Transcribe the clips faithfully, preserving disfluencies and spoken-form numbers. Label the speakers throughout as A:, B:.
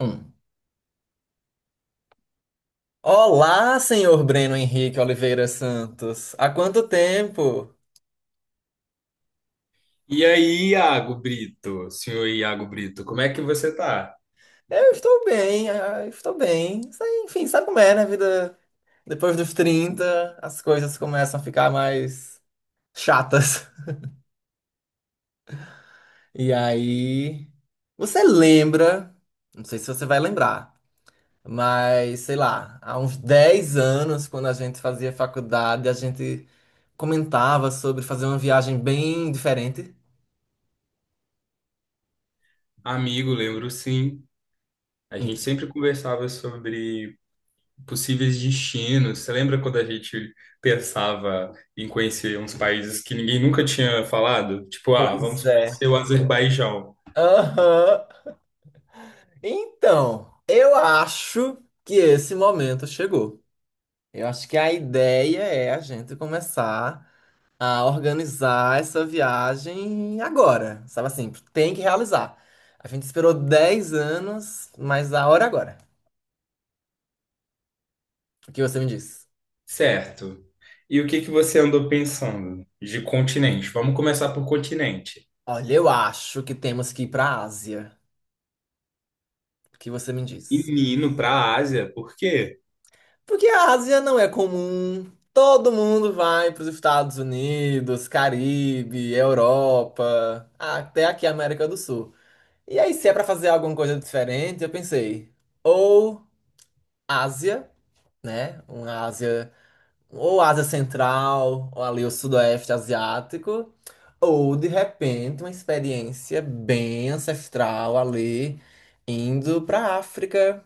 A: Hum. Olá, senhor Breno Henrique Oliveira Santos. Há quanto tempo?
B: E aí, Iago Brito, senhor Iago Brito, como é que você tá?
A: Eu estou bem, ah, estou bem. Isso aí, Enfim, sabe como é, né? Vida depois dos trinta, as coisas começam a ficar mais chatas. E aí, você lembra, não sei se você vai lembrar, mas sei lá, há uns dez anos, quando a gente fazia faculdade, a gente comentava sobre fazer uma viagem bem diferente.
B: Amigo, lembro sim. A gente sempre conversava sobre possíveis destinos. Você lembra quando a gente pensava em conhecer uns países que ninguém nunca tinha falado? Tipo, ah,
A: Pois
B: vamos
A: é.
B: conhecer o Azerbaijão.
A: Aham. Então, eu acho que esse momento chegou. Eu acho que a ideia é a gente começar a organizar essa viagem agora, sabe assim, tem que realizar. A gente esperou dez anos, mas a hora é agora. O que você me diz?
B: Certo. E o que que você andou pensando de continente? Vamos começar por continente.
A: Olha, eu acho que temos que ir para a Ásia. O que você me diz?
B: Menino, para a Ásia, por quê?
A: Porque a Ásia não é comum. Todo mundo vai para os Estados Unidos, Caribe, Europa, até aqui a América do Sul. E aí, se é pra fazer alguma coisa diferente, eu pensei, ou Ásia, né? Uma Ásia, ou Ásia Central, ou ali o Sudoeste Asiático, ou de repente uma experiência bem ancestral ali, indo pra África,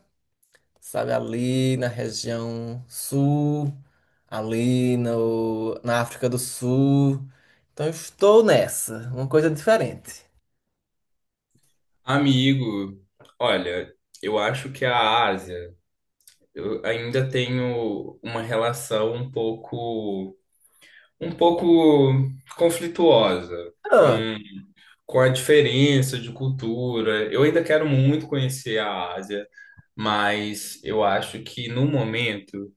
A: sabe? Ali na região sul, ali no, na África do Sul. Então, eu estou nessa, uma coisa diferente.
B: Amigo, olha, eu acho que a Ásia. Eu ainda tenho uma relação um pouco, um pouco conflituosa
A: Ah,
B: com, com a diferença de cultura. Eu ainda quero muito conhecer a Ásia, mas eu acho que no momento,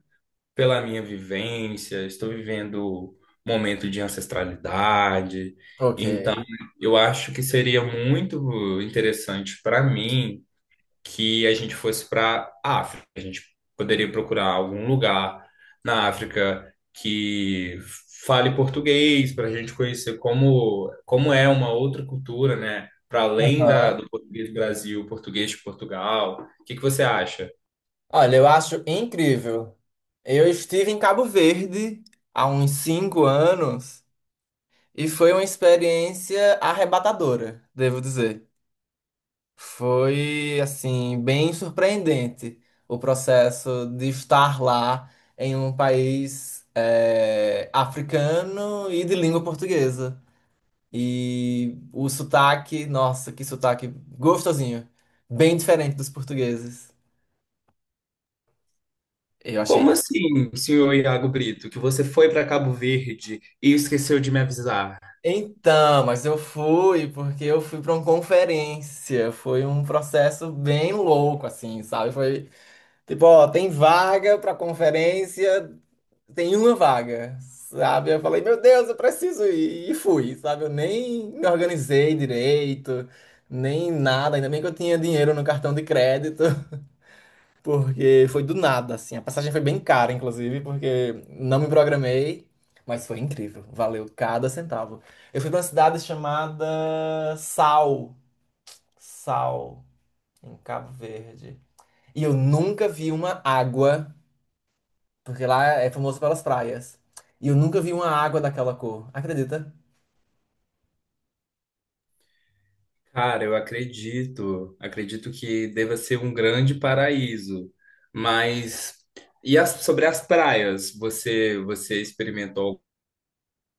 B: pela minha vivência, estou vivendo momento de ancestralidade,
A: ok.
B: então eu acho que seria muito interessante para mim que a gente fosse para a África. A gente poderia procurar algum lugar na África que fale português para a gente conhecer como, como é uma outra cultura, né? Para além da,
A: Aham.
B: do português do Brasil, português de Portugal. O que que você acha?
A: Olha, eu acho incrível. Eu estive em Cabo Verde há uns cinco anos e foi uma experiência arrebatadora, devo dizer. Foi, assim, bem surpreendente o processo de estar lá em um país eh, africano e de língua portuguesa. E o sotaque, nossa, que sotaque gostosinho, bem diferente dos portugueses. Eu
B: Como
A: achei.
B: assim, senhor Iago Brito, que você foi para Cabo Verde e esqueceu de me avisar?
A: Então, mas eu fui porque eu fui para uma conferência. Foi um processo bem louco, assim, sabe? Foi tipo, ó, tem vaga para conferência, tem uma vaga, sabe? Eu falei, meu Deus, eu preciso ir. E fui, sabe? Eu nem me organizei direito, nem nada. Ainda bem que eu tinha dinheiro no cartão de crédito. Porque foi do nada, assim. A passagem foi bem cara, inclusive, porque não me programei, mas foi incrível. Valeu cada centavo. Eu fui pra uma cidade chamada Sal. Sal, em Cabo Verde. E eu nunca vi uma água, porque lá é famoso pelas praias. E eu nunca vi uma água daquela cor. Acredita?
B: Cara, eu acredito, acredito que deva ser um grande paraíso. Mas e as- sobre as praias, você você experimentou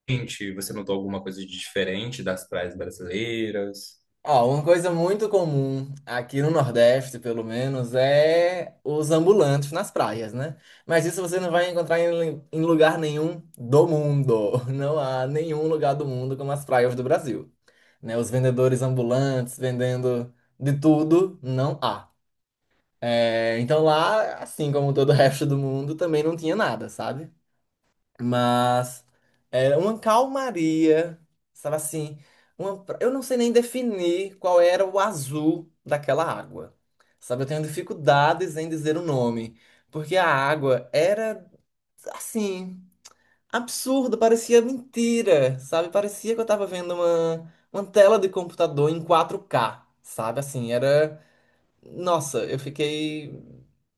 B: gente, você notou alguma coisa de diferente das praias brasileiras?
A: Ó, uma coisa muito comum aqui no Nordeste, pelo menos, é os ambulantes nas praias, né? Mas isso você não vai encontrar em, em lugar nenhum do mundo. Não há nenhum lugar do mundo como as praias do Brasil. Né? Os vendedores ambulantes vendendo de tudo, não há. É, então lá, assim como todo o resto do mundo, também não tinha nada, sabe? Mas era uma calmaria, sabe assim? Uma pra- eu não sei nem definir qual era o azul daquela água, sabe? Eu tenho dificuldades em dizer o nome, porque a água era, assim, absurda, parecia mentira, sabe? Parecia que eu tava vendo uma, uma tela de computador em quatro k, sabe? Assim, era. Nossa, eu fiquei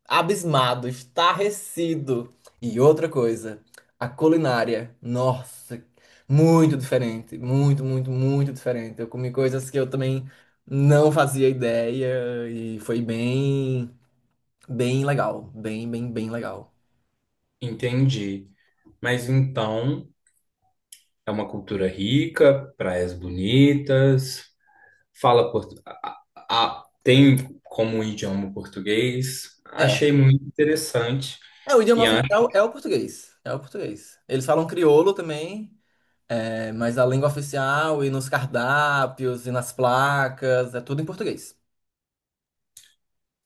A: abismado, estarrecido. E outra coisa, a culinária. Nossa, muito diferente, muito, muito, muito diferente. Eu comi coisas que eu também não fazia ideia e foi bem, bem legal, bem, bem, bem legal.
B: Entendi. Mas então é uma cultura rica, praias bonitas, fala portu... a- a- a- tem como um idioma português.
A: É,
B: Achei muito interessante
A: é, o idioma
B: e acho,
A: oficial é o português, é o português. Eles falam crioulo também, é, mas a língua oficial e nos cardápios e nas placas é tudo em português.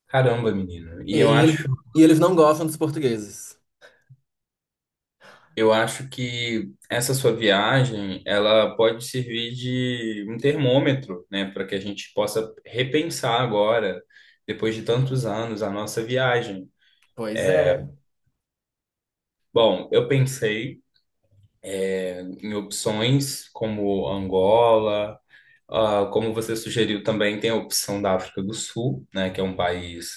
B: caramba, menino.
A: E
B: E eu
A: eles,
B: acho
A: e eles não gostam dos portugueses.
B: Eu acho que essa sua viagem, ela pode servir de um termômetro, né, para que a gente possa repensar agora, depois de tantos anos, a nossa viagem.
A: Pois é,
B: Bom, eu pensei em opções como Angola, ah, como você sugeriu, também tem a opção da África do Sul, né, que é um país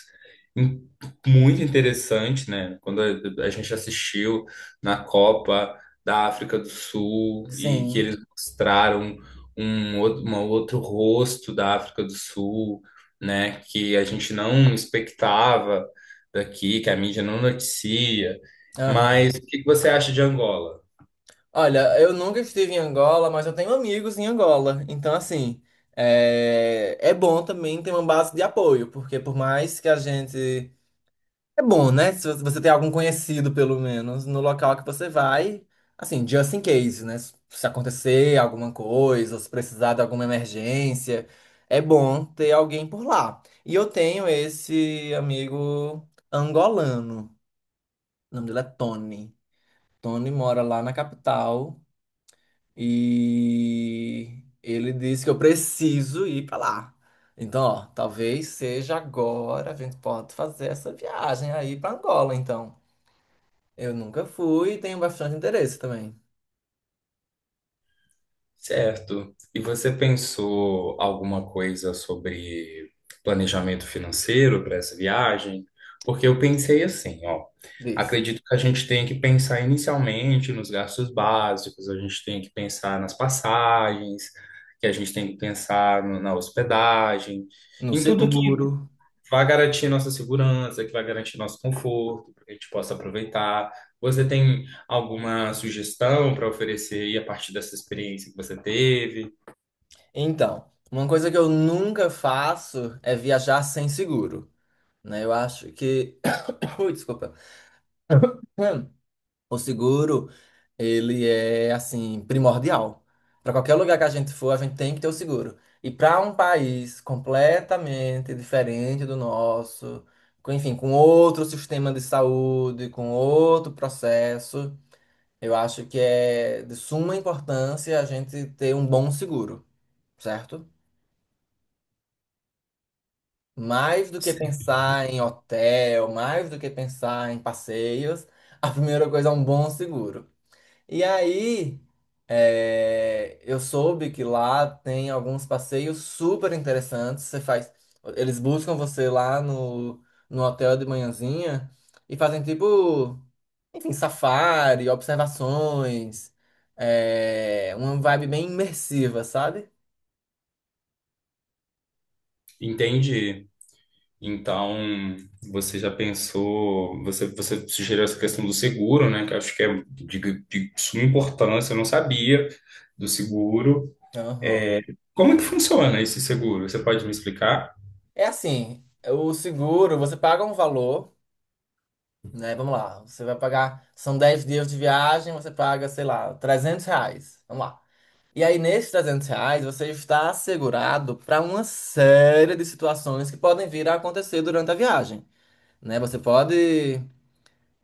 B: in- muito interessante, né? Quando a, a gente assistiu na Copa da África do Sul e que
A: sim.
B: eles mostraram um, outro- uma outro rosto da África do Sul, né, que a gente não expectava daqui, que a mídia não noticia.
A: Aham.
B: Mas o que que você acha de Angola?
A: Olha, eu nunca estive em Angola, mas eu tenho amigos em Angola. Então, assim, é, é bom também ter uma base de apoio, porque por mais que a gente. É bom, né? Se você tem algum conhecido, pelo menos, no local que você vai, assim, just in case, né? Se acontecer alguma coisa, ou se precisar de alguma emergência, é bom ter alguém por lá. E eu tenho esse amigo angolano. O nome dele é Tony. Tony mora lá na capital e ele disse que eu preciso ir pra lá. Então, ó, talvez seja agora a gente pode fazer essa viagem aí pra Angola, então. Eu nunca fui e tenho bastante interesse também.
B: Certo. E você pensou alguma coisa sobre planejamento financeiro para essa viagem? Porque eu pensei assim, ó.
A: Diz.
B: Acredito que a gente tem que pensar inicialmente nos gastos básicos, a gente tem que pensar nas passagens, que a gente tem que pensar no- na hospedagem,
A: No
B: em tudo que
A: seguro.
B: vai garantir nossa segurança, que vai garantir nosso conforto, para que a gente possa aproveitar. Você tem alguma sugestão para oferecer aí a partir dessa experiência que você teve?
A: Então, uma coisa que eu nunca faço é viajar sem seguro, né? Eu acho que ui, desculpa. Hum. O seguro, ele é assim primordial. Para qualquer lugar que a gente for, a gente tem que ter o seguro. E para um país completamente diferente do nosso, com, enfim, com outro sistema de saúde, com outro processo, eu acho que é de suma importância a gente ter um bom seguro, certo? Mais do que pensar em hotel, mais do que pensar em passeios, a primeira coisa é um bom seguro. E aí, é, eu soube que lá tem alguns passeios super interessantes. Você faz, eles buscam você lá no, no hotel de manhãzinha e fazem tipo, enfim, safari, observações, é, uma vibe bem imersiva, sabe?
B: Entendi. Então, você já pensou, você, você sugeriu essa questão do seguro, né? Que eu acho que é de, de suma importância, eu não sabia do seguro. É,
A: Aham.
B: como é que funciona esse seguro? Você pode me explicar?
A: É assim, o seguro, você paga um valor, né? Vamos lá, você vai pagar, são dez dias de viagem, você paga, sei lá, trezentos reais. Vamos lá. E aí, nesses trezentos reais, você está assegurado para uma série de situações que podem vir a acontecer durante a viagem, né? Você pode,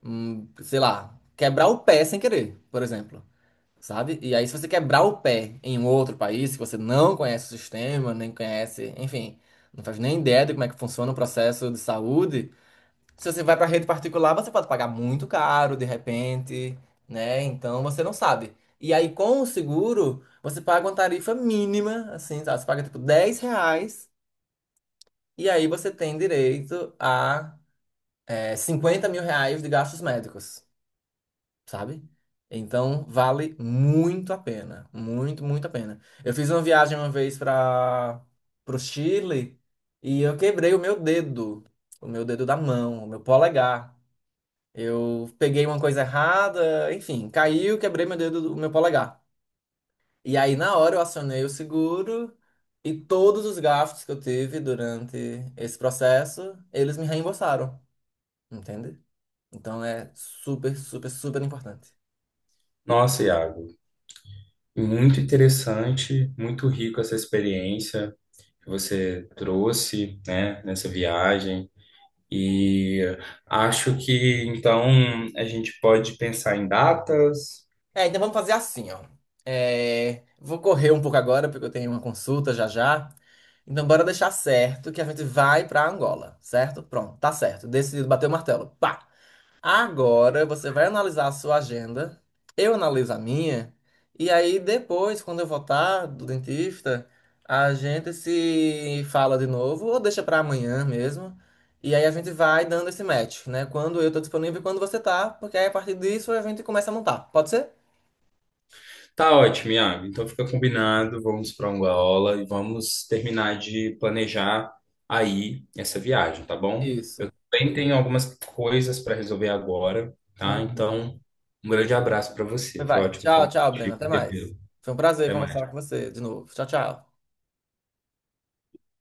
A: hum, sei lá, quebrar o pé sem querer, por exemplo, sabe? E aí, se você quebrar o pé em um outro país, que você não conhece o sistema, nem conhece, enfim, não faz nem ideia de como é que funciona o processo de saúde, se você vai para rede particular, você pode pagar muito caro de repente, né? Então você não sabe. E aí com o seguro, você paga uma tarifa mínima, assim, sabe? Você paga tipo dez reais e aí você tem direito a é, cinquenta mil reais de gastos médicos, sabe? Então vale muito a pena, muito, muito a pena. Eu fiz uma viagem uma vez para o Chile e eu quebrei o meu dedo, o meu dedo da mão, o meu polegar. Eu peguei uma coisa errada, enfim, caiu, quebrei meu dedo, o meu polegar. E aí, na hora, eu acionei o seguro e todos os gastos que eu tive durante esse processo, eles me reembolsaram, entende? Então é super, super, super importante.
B: Nossa, Iago, muito interessante, muito rico essa experiência que você trouxe, né, nessa viagem. E acho que então a gente pode pensar em datas.
A: É, então vamos fazer assim, ó. É, vou correr um pouco agora, porque eu tenho uma consulta já já. Então, bora deixar certo que a gente vai pra Angola, certo? Pronto, tá certo. Decidido, bateu o martelo. Pá! Agora você vai analisar a sua agenda, eu analiso a minha, e aí depois, quando eu voltar do dentista, a gente se fala de novo ou deixa pra amanhã mesmo. E aí a gente vai dando esse match, né? Quando eu tô disponível e quando você tá, porque aí a partir disso a gente começa a montar. Pode ser?
B: Tá ótimo, Iago. Então fica combinado, vamos para Angola e vamos terminar de planejar aí essa viagem, tá bom?
A: Isso.
B: Bem, tem algumas coisas para resolver agora, tá?
A: Uhum.
B: Então, um grande abraço para você. Foi
A: Vai.
B: ótimo
A: Tchau,
B: falar
A: tchau, Breno.
B: contigo,
A: Até mais.
B: revê-lo.
A: Foi um prazer
B: Até
A: conversar com
B: mais.
A: você de novo. Tchau, tchau.